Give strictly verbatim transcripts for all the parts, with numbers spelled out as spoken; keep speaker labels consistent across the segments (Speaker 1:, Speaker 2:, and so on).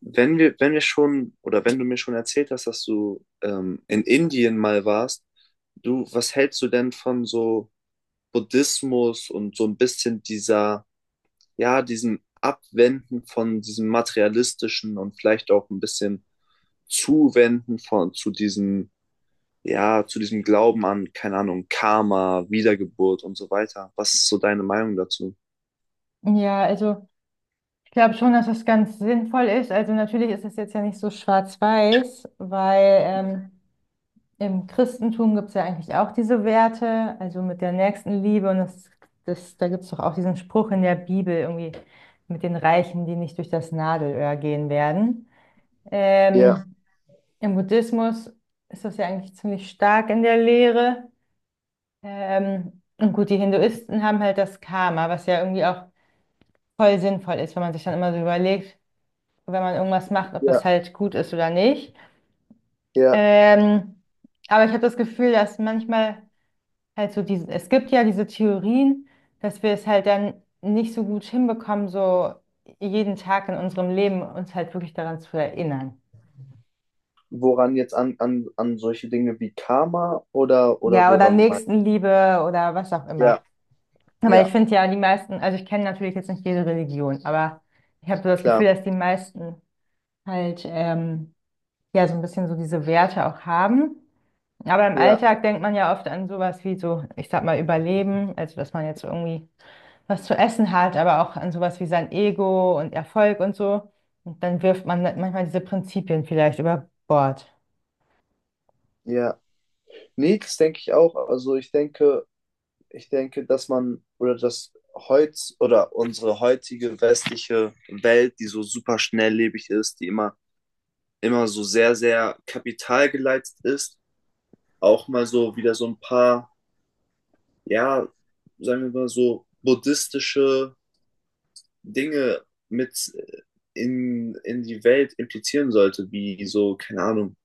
Speaker 1: Wenn wir, wenn wir schon, oder wenn du mir schon erzählt hast, dass du ähm, in Indien mal warst, du, was hältst du denn von so Buddhismus und so ein bisschen dieser, ja, diesem Abwenden von diesem materialistischen und vielleicht auch ein bisschen Zuwenden von, zu diesem, ja, zu diesem Glauben an, keine Ahnung, Karma, Wiedergeburt und so weiter? Was ist so deine Meinung dazu?
Speaker 2: Ja, also ich glaube schon, dass das ganz sinnvoll ist. Also natürlich ist es jetzt ja nicht so schwarz-weiß, weil ähm, im Christentum gibt es ja eigentlich auch diese Werte, also mit der Nächstenliebe und das, das, da gibt es doch auch diesen Spruch in der Bibel irgendwie mit den Reichen, die nicht durch das Nadelöhr gehen werden.
Speaker 1: Ja,
Speaker 2: Ähm, Im Buddhismus ist das ja eigentlich ziemlich stark in der Lehre. Ähm, und gut, die Hinduisten haben halt das Karma, was ja irgendwie auch voll sinnvoll ist, wenn man sich dann immer so überlegt, wenn man irgendwas macht, ob das
Speaker 1: ja,
Speaker 2: halt gut ist oder nicht.
Speaker 1: ja.
Speaker 2: Ähm, aber ich habe das Gefühl, dass manchmal halt so diese, es gibt ja diese Theorien, dass wir es halt dann nicht so gut hinbekommen, so jeden Tag in unserem Leben uns halt wirklich daran zu erinnern.
Speaker 1: Woran jetzt an, an, an solche Dinge wie Karma oder, oder
Speaker 2: Ja, oder
Speaker 1: woran man.
Speaker 2: Nächstenliebe oder was auch immer.
Speaker 1: Ja,
Speaker 2: Aber ich
Speaker 1: ja,
Speaker 2: finde ja, die meisten, also ich kenne natürlich jetzt nicht jede Religion, aber ich habe so das Gefühl,
Speaker 1: klar.
Speaker 2: dass die meisten halt ähm, ja so ein bisschen so diese Werte auch haben. Aber im
Speaker 1: Ja,
Speaker 2: Alltag denkt man ja oft an sowas wie so, ich sag mal, Überleben, also dass man jetzt irgendwie was zu essen hat, aber auch an sowas wie sein Ego und Erfolg und so. Und dann wirft man manchmal diese Prinzipien vielleicht über Bord.
Speaker 1: ja. Nee, das denke ich auch. Also ich denke, ich denke, dass man oder dass heutz oder unsere heutige westliche Welt, die so super schnelllebig ist, die immer, immer so sehr, sehr kapitalgeleitet ist, auch mal so wieder so ein paar, ja, sagen wir mal so buddhistische Dinge mit äh, in, in die Welt implizieren sollte, wie so, keine Ahnung,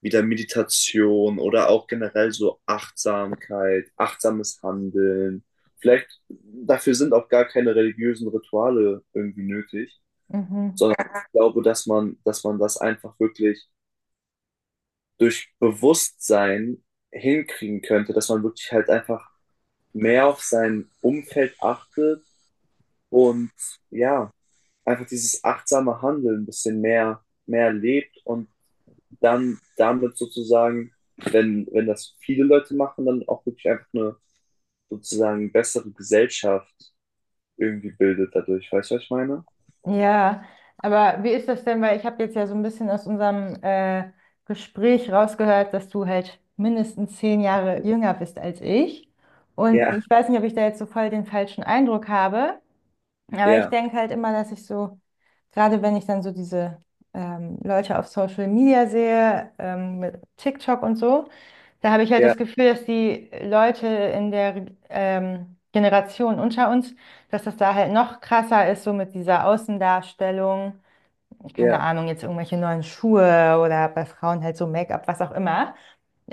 Speaker 1: wieder Meditation oder auch generell so Achtsamkeit, achtsames Handeln. Vielleicht dafür sind auch gar keine religiösen Rituale irgendwie nötig,
Speaker 2: Mhm.
Speaker 1: sondern ich glaube, dass man, dass man das einfach wirklich durch Bewusstsein hinkriegen könnte, dass man wirklich halt einfach mehr auf sein Umfeld achtet und ja, einfach dieses achtsame Handeln ein bisschen mehr, mehr lebt und dann damit sozusagen, wenn, wenn das viele Leute machen, dann auch wirklich einfach eine sozusagen bessere Gesellschaft irgendwie bildet dadurch. Weißt du, was ich meine?
Speaker 2: Ja, aber wie ist das denn? Weil ich habe jetzt ja so ein bisschen aus unserem äh, Gespräch rausgehört, dass du halt mindestens zehn Jahre jünger bist als ich. Und
Speaker 1: Ja,
Speaker 2: ich weiß nicht, ob ich da jetzt so voll den falschen Eindruck habe, aber ich
Speaker 1: ja,
Speaker 2: denke halt immer, dass ich so, gerade wenn ich dann so diese ähm, Leute auf Social Media sehe, ähm, mit TikTok und so, da habe ich halt
Speaker 1: ja,
Speaker 2: das Gefühl, dass die Leute in der ähm, Generation unter uns, dass das da halt noch krasser ist, so mit dieser Außendarstellung. Keine
Speaker 1: ja,
Speaker 2: Ahnung, jetzt irgendwelche neuen Schuhe oder bei Frauen halt so Make-up, was auch immer.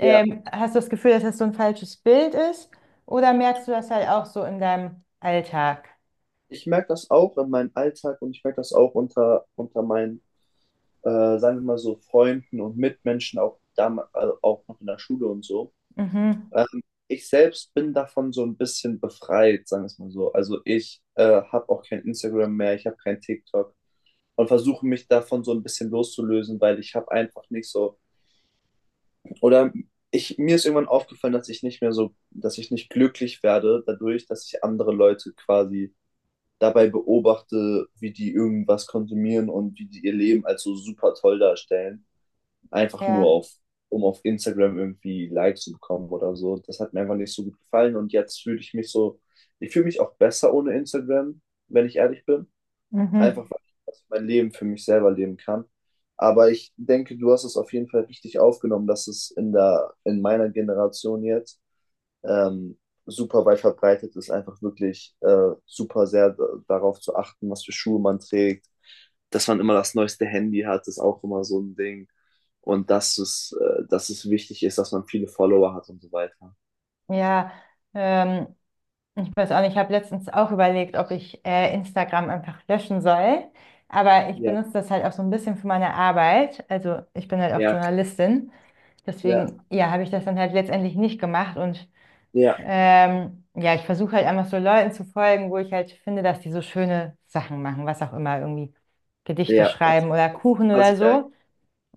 Speaker 1: ja.
Speaker 2: Hast du das Gefühl, dass das so ein falsches Bild ist? Oder merkst du das halt auch so in deinem Alltag?
Speaker 1: Ich merke das auch in meinem Alltag und ich merke das auch unter, unter meinen, äh, sagen wir mal so, Freunden und Mitmenschen, auch, dam also auch noch in der Schule und so.
Speaker 2: Mhm.
Speaker 1: Ähm, ich selbst bin davon so ein bisschen befreit, sagen wir es mal so. Also ich äh, habe auch kein Instagram mehr, ich habe kein TikTok und versuche mich davon so ein bisschen loszulösen, weil ich habe einfach nicht so oder ich mir ist irgendwann aufgefallen, dass ich nicht mehr so, dass ich nicht glücklich werde dadurch, dass ich andere Leute quasi dabei beobachte, wie die irgendwas konsumieren und wie die ihr Leben als so super toll darstellen einfach nur
Speaker 2: Ja,
Speaker 1: auf, um auf Instagram irgendwie Likes zu bekommen oder so. Das hat mir einfach nicht so gut gefallen und jetzt fühle ich mich so, ich fühle mich auch besser ohne Instagram, wenn ich ehrlich bin.
Speaker 2: mhm.
Speaker 1: Einfach weil ich mein Leben für mich selber leben kann. Aber ich denke, du hast es auf jeden Fall richtig aufgenommen, dass es in der, in meiner Generation jetzt ähm, super weit verbreitet ist, einfach wirklich äh, super sehr d- darauf zu achten, was für Schuhe man trägt, dass man immer das neueste Handy hat, ist auch immer so ein Ding. Und dass es, äh, dass es wichtig ist, dass man viele Follower hat und so weiter.
Speaker 2: Ja, ähm, ich weiß auch nicht, ich habe letztens auch überlegt, ob ich äh, Instagram einfach löschen soll. Aber ich
Speaker 1: Ja,
Speaker 2: benutze das halt auch so ein bisschen für meine Arbeit. Also ich bin halt auch
Speaker 1: ja,
Speaker 2: Journalistin.
Speaker 1: ja,
Speaker 2: Deswegen, ja, habe ich das dann halt letztendlich nicht gemacht. Und
Speaker 1: ja,
Speaker 2: ähm, ja, ich versuche halt einfach so Leuten zu folgen, wo ich halt finde, dass die so schöne Sachen machen, was auch immer, irgendwie Gedichte
Speaker 1: ja. Das,
Speaker 2: schreiben oder
Speaker 1: das ist
Speaker 2: Kuchen
Speaker 1: quasi
Speaker 2: oder
Speaker 1: dein,
Speaker 2: so.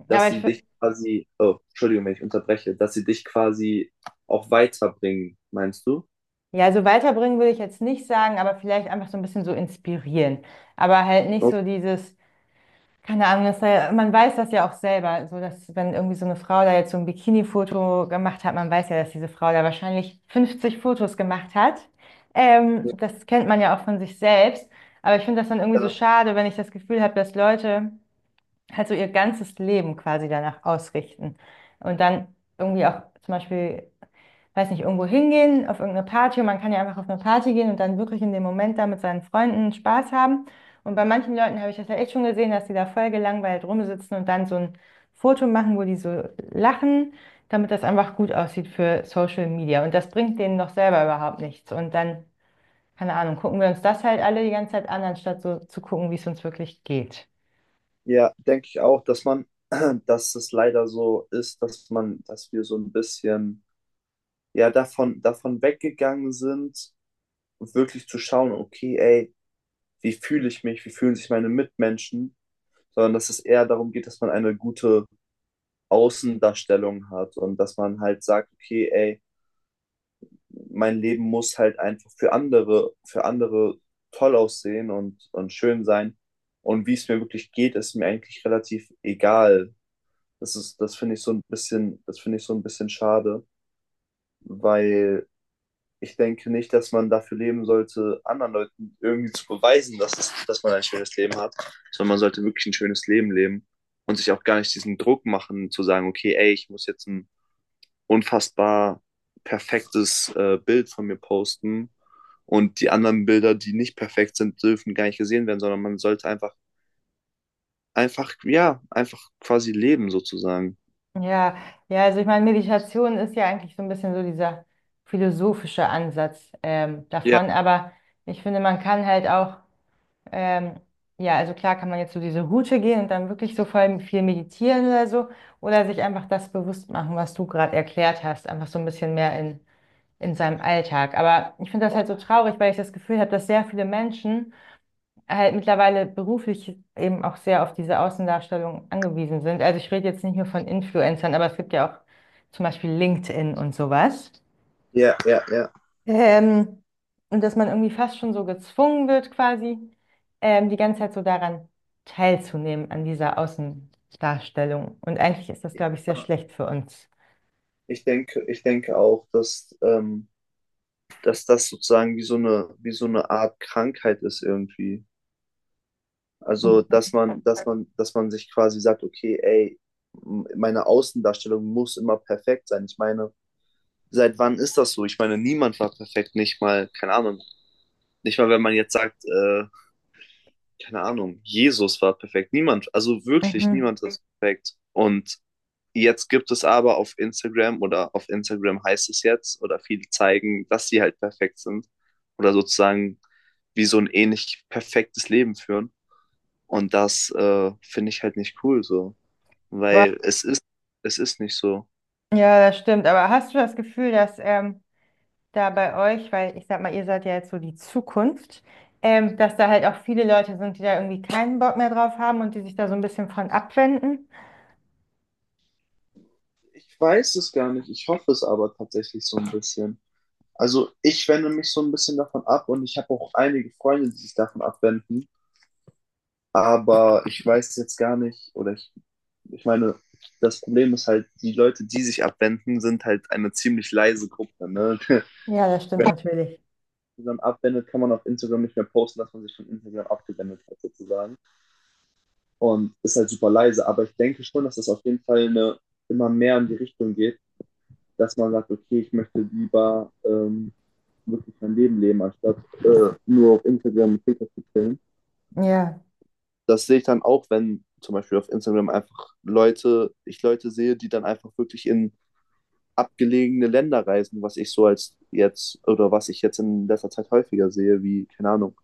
Speaker 1: dass
Speaker 2: Aber ich,
Speaker 1: sie dich quasi, oh, Entschuldigung, wenn ich unterbreche, dass sie dich quasi auch weiterbringen, meinst du?
Speaker 2: ja, also weiterbringen würde ich jetzt nicht sagen, aber vielleicht einfach so ein bisschen so inspirieren. Aber halt nicht so
Speaker 1: Okay.
Speaker 2: dieses, keine Ahnung, das, sei- man weiß das ja auch selber, so dass wenn irgendwie so eine Frau da jetzt so ein Bikini-Foto gemacht hat, man weiß ja, dass diese Frau da wahrscheinlich fünfzig Fotos gemacht hat. Ähm, das kennt man ja auch von sich selbst. Aber ich finde das dann irgendwie so schade, wenn ich das Gefühl habe, dass Leute halt so ihr ganzes Leben quasi danach ausrichten und dann irgendwie auch zum Beispiel weiß nicht, irgendwo hingehen, auf irgendeine Party. Und man kann ja einfach auf eine Party gehen und dann wirklich in dem Moment da mit seinen Freunden Spaß haben. Und bei manchen Leuten habe ich das ja echt schon gesehen, dass die da voll gelangweilt rumsitzen und dann so ein Foto machen, wo die so lachen, damit das einfach gut aussieht für Social Media. Und das bringt denen doch selber überhaupt nichts. Und dann, keine Ahnung, gucken wir uns das halt alle die ganze Zeit an, anstatt so zu gucken, wie es uns wirklich geht.
Speaker 1: Ja, denke ich auch, dass man, dass es leider so ist, dass man, dass wir so ein bisschen ja davon, davon weggegangen sind, wirklich zu schauen, okay, ey, wie fühle ich mich, wie fühlen sich meine Mitmenschen, sondern dass es eher darum geht, dass man eine gute Außendarstellung hat und dass man halt sagt, okay, ey, mein Leben muss halt einfach für andere, für andere toll aussehen und, und schön sein. Und wie es mir wirklich geht, ist mir eigentlich relativ egal. Das ist, das finde ich so ein bisschen, das finde ich so ein bisschen schade, weil ich denke nicht, dass man dafür leben sollte, anderen Leuten irgendwie zu beweisen, dass, es, dass man ein schönes Leben hat, sondern man sollte wirklich ein schönes Leben leben und sich auch gar nicht diesen Druck machen, zu sagen, okay, ey, ich muss jetzt ein unfassbar perfektes äh, Bild von mir posten und die anderen Bilder, die nicht perfekt sind, dürfen gar nicht gesehen werden, sondern man sollte einfach, einfach, ja, einfach quasi leben sozusagen.
Speaker 2: Ja, ja, also ich meine, Meditation ist ja eigentlich so ein bisschen so dieser philosophische Ansatz ähm,
Speaker 1: Ja,
Speaker 2: davon, aber ich finde, man kann halt auch, ähm, ja, also klar kann man jetzt so diese Route gehen und dann wirklich so voll viel meditieren oder so, oder sich einfach das bewusst machen, was du gerade erklärt hast, einfach so ein bisschen mehr in, in seinem Alltag. Aber ich finde das halt so traurig, weil ich das Gefühl habe, dass sehr viele Menschen halt mittlerweile beruflich eben auch sehr auf diese Außendarstellung angewiesen sind. Also ich rede jetzt nicht nur von Influencern, aber es gibt ja auch zum Beispiel LinkedIn und sowas.
Speaker 1: ja, ja,
Speaker 2: Ähm, und dass man irgendwie fast schon so gezwungen wird, quasi ähm, die ganze Zeit so daran teilzunehmen, an dieser Außendarstellung. Und eigentlich ist das, glaube ich, sehr
Speaker 1: ja.
Speaker 2: schlecht für uns.
Speaker 1: Ich denke, ich denke auch, dass, ähm, dass das sozusagen wie so eine, wie so eine Art Krankheit ist irgendwie. Also,
Speaker 2: Mhm.
Speaker 1: dass man, dass man, dass man sich quasi sagt, okay, ey, m- meine Außendarstellung muss immer perfekt sein. Ich meine, seit wann ist das so? Ich meine, niemand war perfekt, nicht mal, keine Ahnung. Nicht mal, wenn man jetzt sagt, äh, keine Ahnung, Jesus war perfekt. Niemand, also wirklich
Speaker 2: Mhm.
Speaker 1: niemand ist perfekt. Und jetzt gibt es aber auf Instagram oder auf Instagram heißt es jetzt oder viele zeigen, dass sie halt perfekt sind oder sozusagen wie so ein ähnlich perfektes Leben führen. Und das äh, finde ich halt nicht cool so,
Speaker 2: Aber,
Speaker 1: weil es ist, es ist nicht so.
Speaker 2: ja, das stimmt. Aber hast du das Gefühl, dass ähm, da bei euch, weil ich sag mal, ihr seid ja jetzt so die Zukunft, ähm, dass da halt auch viele Leute sind, die da irgendwie keinen Bock mehr drauf haben und die sich da so ein bisschen von abwenden?
Speaker 1: Ich weiß es gar nicht. Ich hoffe es aber tatsächlich so ein bisschen. Also ich wende mich so ein bisschen davon ab und ich habe auch einige Freunde, die sich davon abwenden. Aber ich weiß jetzt gar nicht, oder ich, ich meine, das Problem ist halt, die Leute, die sich abwenden, sind halt eine ziemlich leise Gruppe. Ne? Wenn
Speaker 2: Ja, das stimmt
Speaker 1: man
Speaker 2: natürlich.
Speaker 1: Instagram abwendet, kann man auf Instagram nicht mehr posten, dass man sich von Instagram abgewendet hat, sozusagen. Und ist halt super leise. Aber ich denke schon, dass das auf jeden Fall eine, immer mehr in die Richtung geht, dass man sagt, okay, ich möchte lieber ähm, wirklich mein Leben leben, anstatt äh, nur auf Instagram und TikTok zu chillen.
Speaker 2: Ja,
Speaker 1: Das sehe ich dann auch, wenn zum Beispiel auf Instagram einfach Leute, ich Leute sehe, die dann einfach wirklich in abgelegene Länder reisen, was ich so als jetzt oder was ich jetzt in letzter Zeit häufiger sehe, wie, keine Ahnung,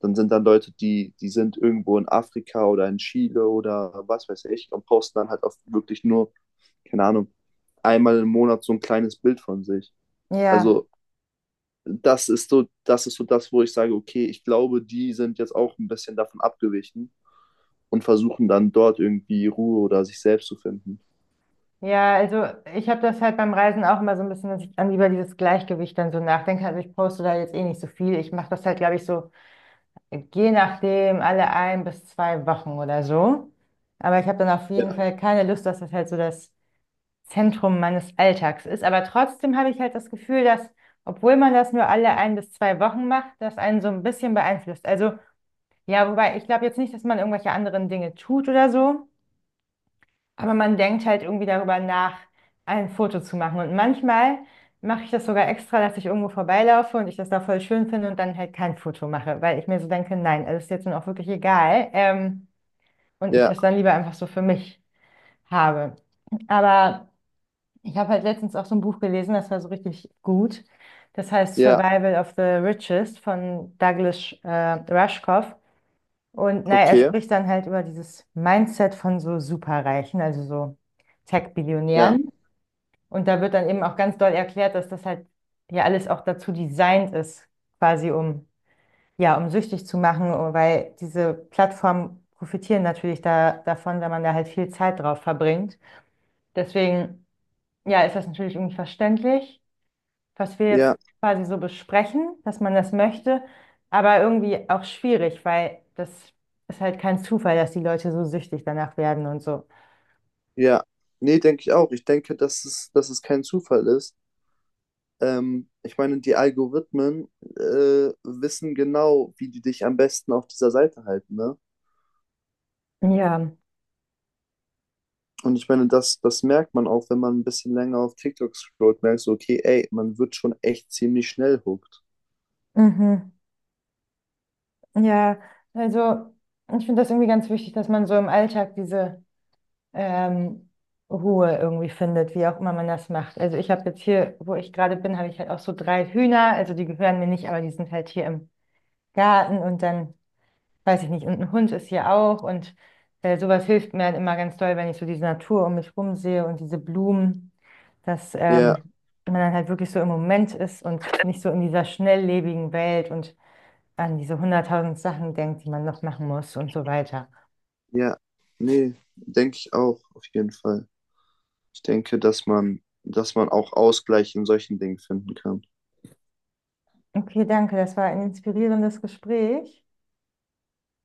Speaker 1: dann sind dann Leute, die, die sind irgendwo in Afrika oder in Chile oder was weiß ich und posten dann halt auf wirklich nur, keine Ahnung, einmal im Monat so ein kleines Bild von sich.
Speaker 2: ja.
Speaker 1: Also das ist so, das ist so das, wo ich sage, okay, ich glaube, die sind jetzt auch ein bisschen davon abgewichen und versuchen dann dort irgendwie Ruhe oder sich selbst zu finden.
Speaker 2: Ja, also ich habe das halt beim Reisen auch immer so ein bisschen, dass ich dann über dieses Gleichgewicht dann so nachdenke. Also ich poste da jetzt eh nicht so viel. Ich mache das halt, glaube ich, so je nachdem alle ein bis zwei Wochen oder so. Aber ich habe dann auf jeden
Speaker 1: Ja,
Speaker 2: Fall keine Lust, dass das halt so das Zentrum meines Alltags ist. Aber trotzdem habe ich halt das Gefühl, dass, obwohl man das nur alle ein bis zwei Wochen macht, das einen so ein bisschen beeinflusst. Also, ja, wobei ich glaube jetzt nicht, dass man irgendwelche anderen Dinge tut oder so, aber man denkt halt irgendwie darüber nach, ein Foto zu machen. Und manchmal mache ich das sogar extra, dass ich irgendwo vorbeilaufe und ich das da voll schön finde und dann halt kein Foto mache, weil ich mir so denke, nein, das ist jetzt nun auch wirklich egal. Ähm, und ich
Speaker 1: ja,
Speaker 2: das dann lieber einfach so für mich habe. Aber ich habe halt letztens auch so ein Buch gelesen, das war so richtig gut. Das heißt
Speaker 1: ja,
Speaker 2: Survival of the Richest von Douglas äh, Rushkoff. Und naja, er
Speaker 1: okay.
Speaker 2: spricht dann halt über dieses Mindset von so Superreichen, also so
Speaker 1: Ja,
Speaker 2: Tech-Billionären. Und da wird dann eben auch ganz doll erklärt, dass das halt ja alles auch dazu designt ist, quasi um, ja, um süchtig zu machen, oh, weil diese Plattformen profitieren natürlich da, davon, wenn man da halt viel Zeit drauf verbringt. Deswegen, ja, ist das natürlich irgendwie verständlich was wir jetzt
Speaker 1: ja,
Speaker 2: quasi so besprechen, dass man das möchte, aber irgendwie auch schwierig, weil das ist halt kein Zufall, dass die Leute so süchtig danach werden und so.
Speaker 1: ja. Nee, denke ich auch. Ich denke, dass es, dass es kein Zufall ist. Ähm, ich meine, die Algorithmen äh, wissen genau, wie die dich am besten auf dieser Seite halten, ne?
Speaker 2: Ja,
Speaker 1: Und ich meine, das, das merkt man auch, wenn man ein bisschen länger auf TikTok scrollt, merkst du, okay, ey, man wird schon echt ziemlich schnell hooked.
Speaker 2: mhm. Ja, also ich finde das irgendwie ganz wichtig, dass man so im Alltag diese ähm, Ruhe irgendwie findet, wie auch immer man das macht. Also ich habe jetzt hier, wo ich gerade bin, habe ich halt auch so drei Hühner, also die gehören mir nicht, aber die sind halt hier im Garten und dann weiß ich nicht, und ein Hund ist hier auch und äh, sowas hilft mir halt immer ganz doll, wenn ich so diese Natur um mich rum sehe und diese Blumen, dass
Speaker 1: Ja,
Speaker 2: ähm, man dann halt wirklich so im Moment ist und nicht so in dieser schnelllebigen Welt und an diese hunderttausend Sachen denkt, die man noch machen muss und so weiter.
Speaker 1: ja, nee, denke ich auch, auf jeden Fall. Ich denke, dass man, dass man auch Ausgleich in solchen Dingen finden kann.
Speaker 2: Okay, danke, das war ein inspirierendes Gespräch.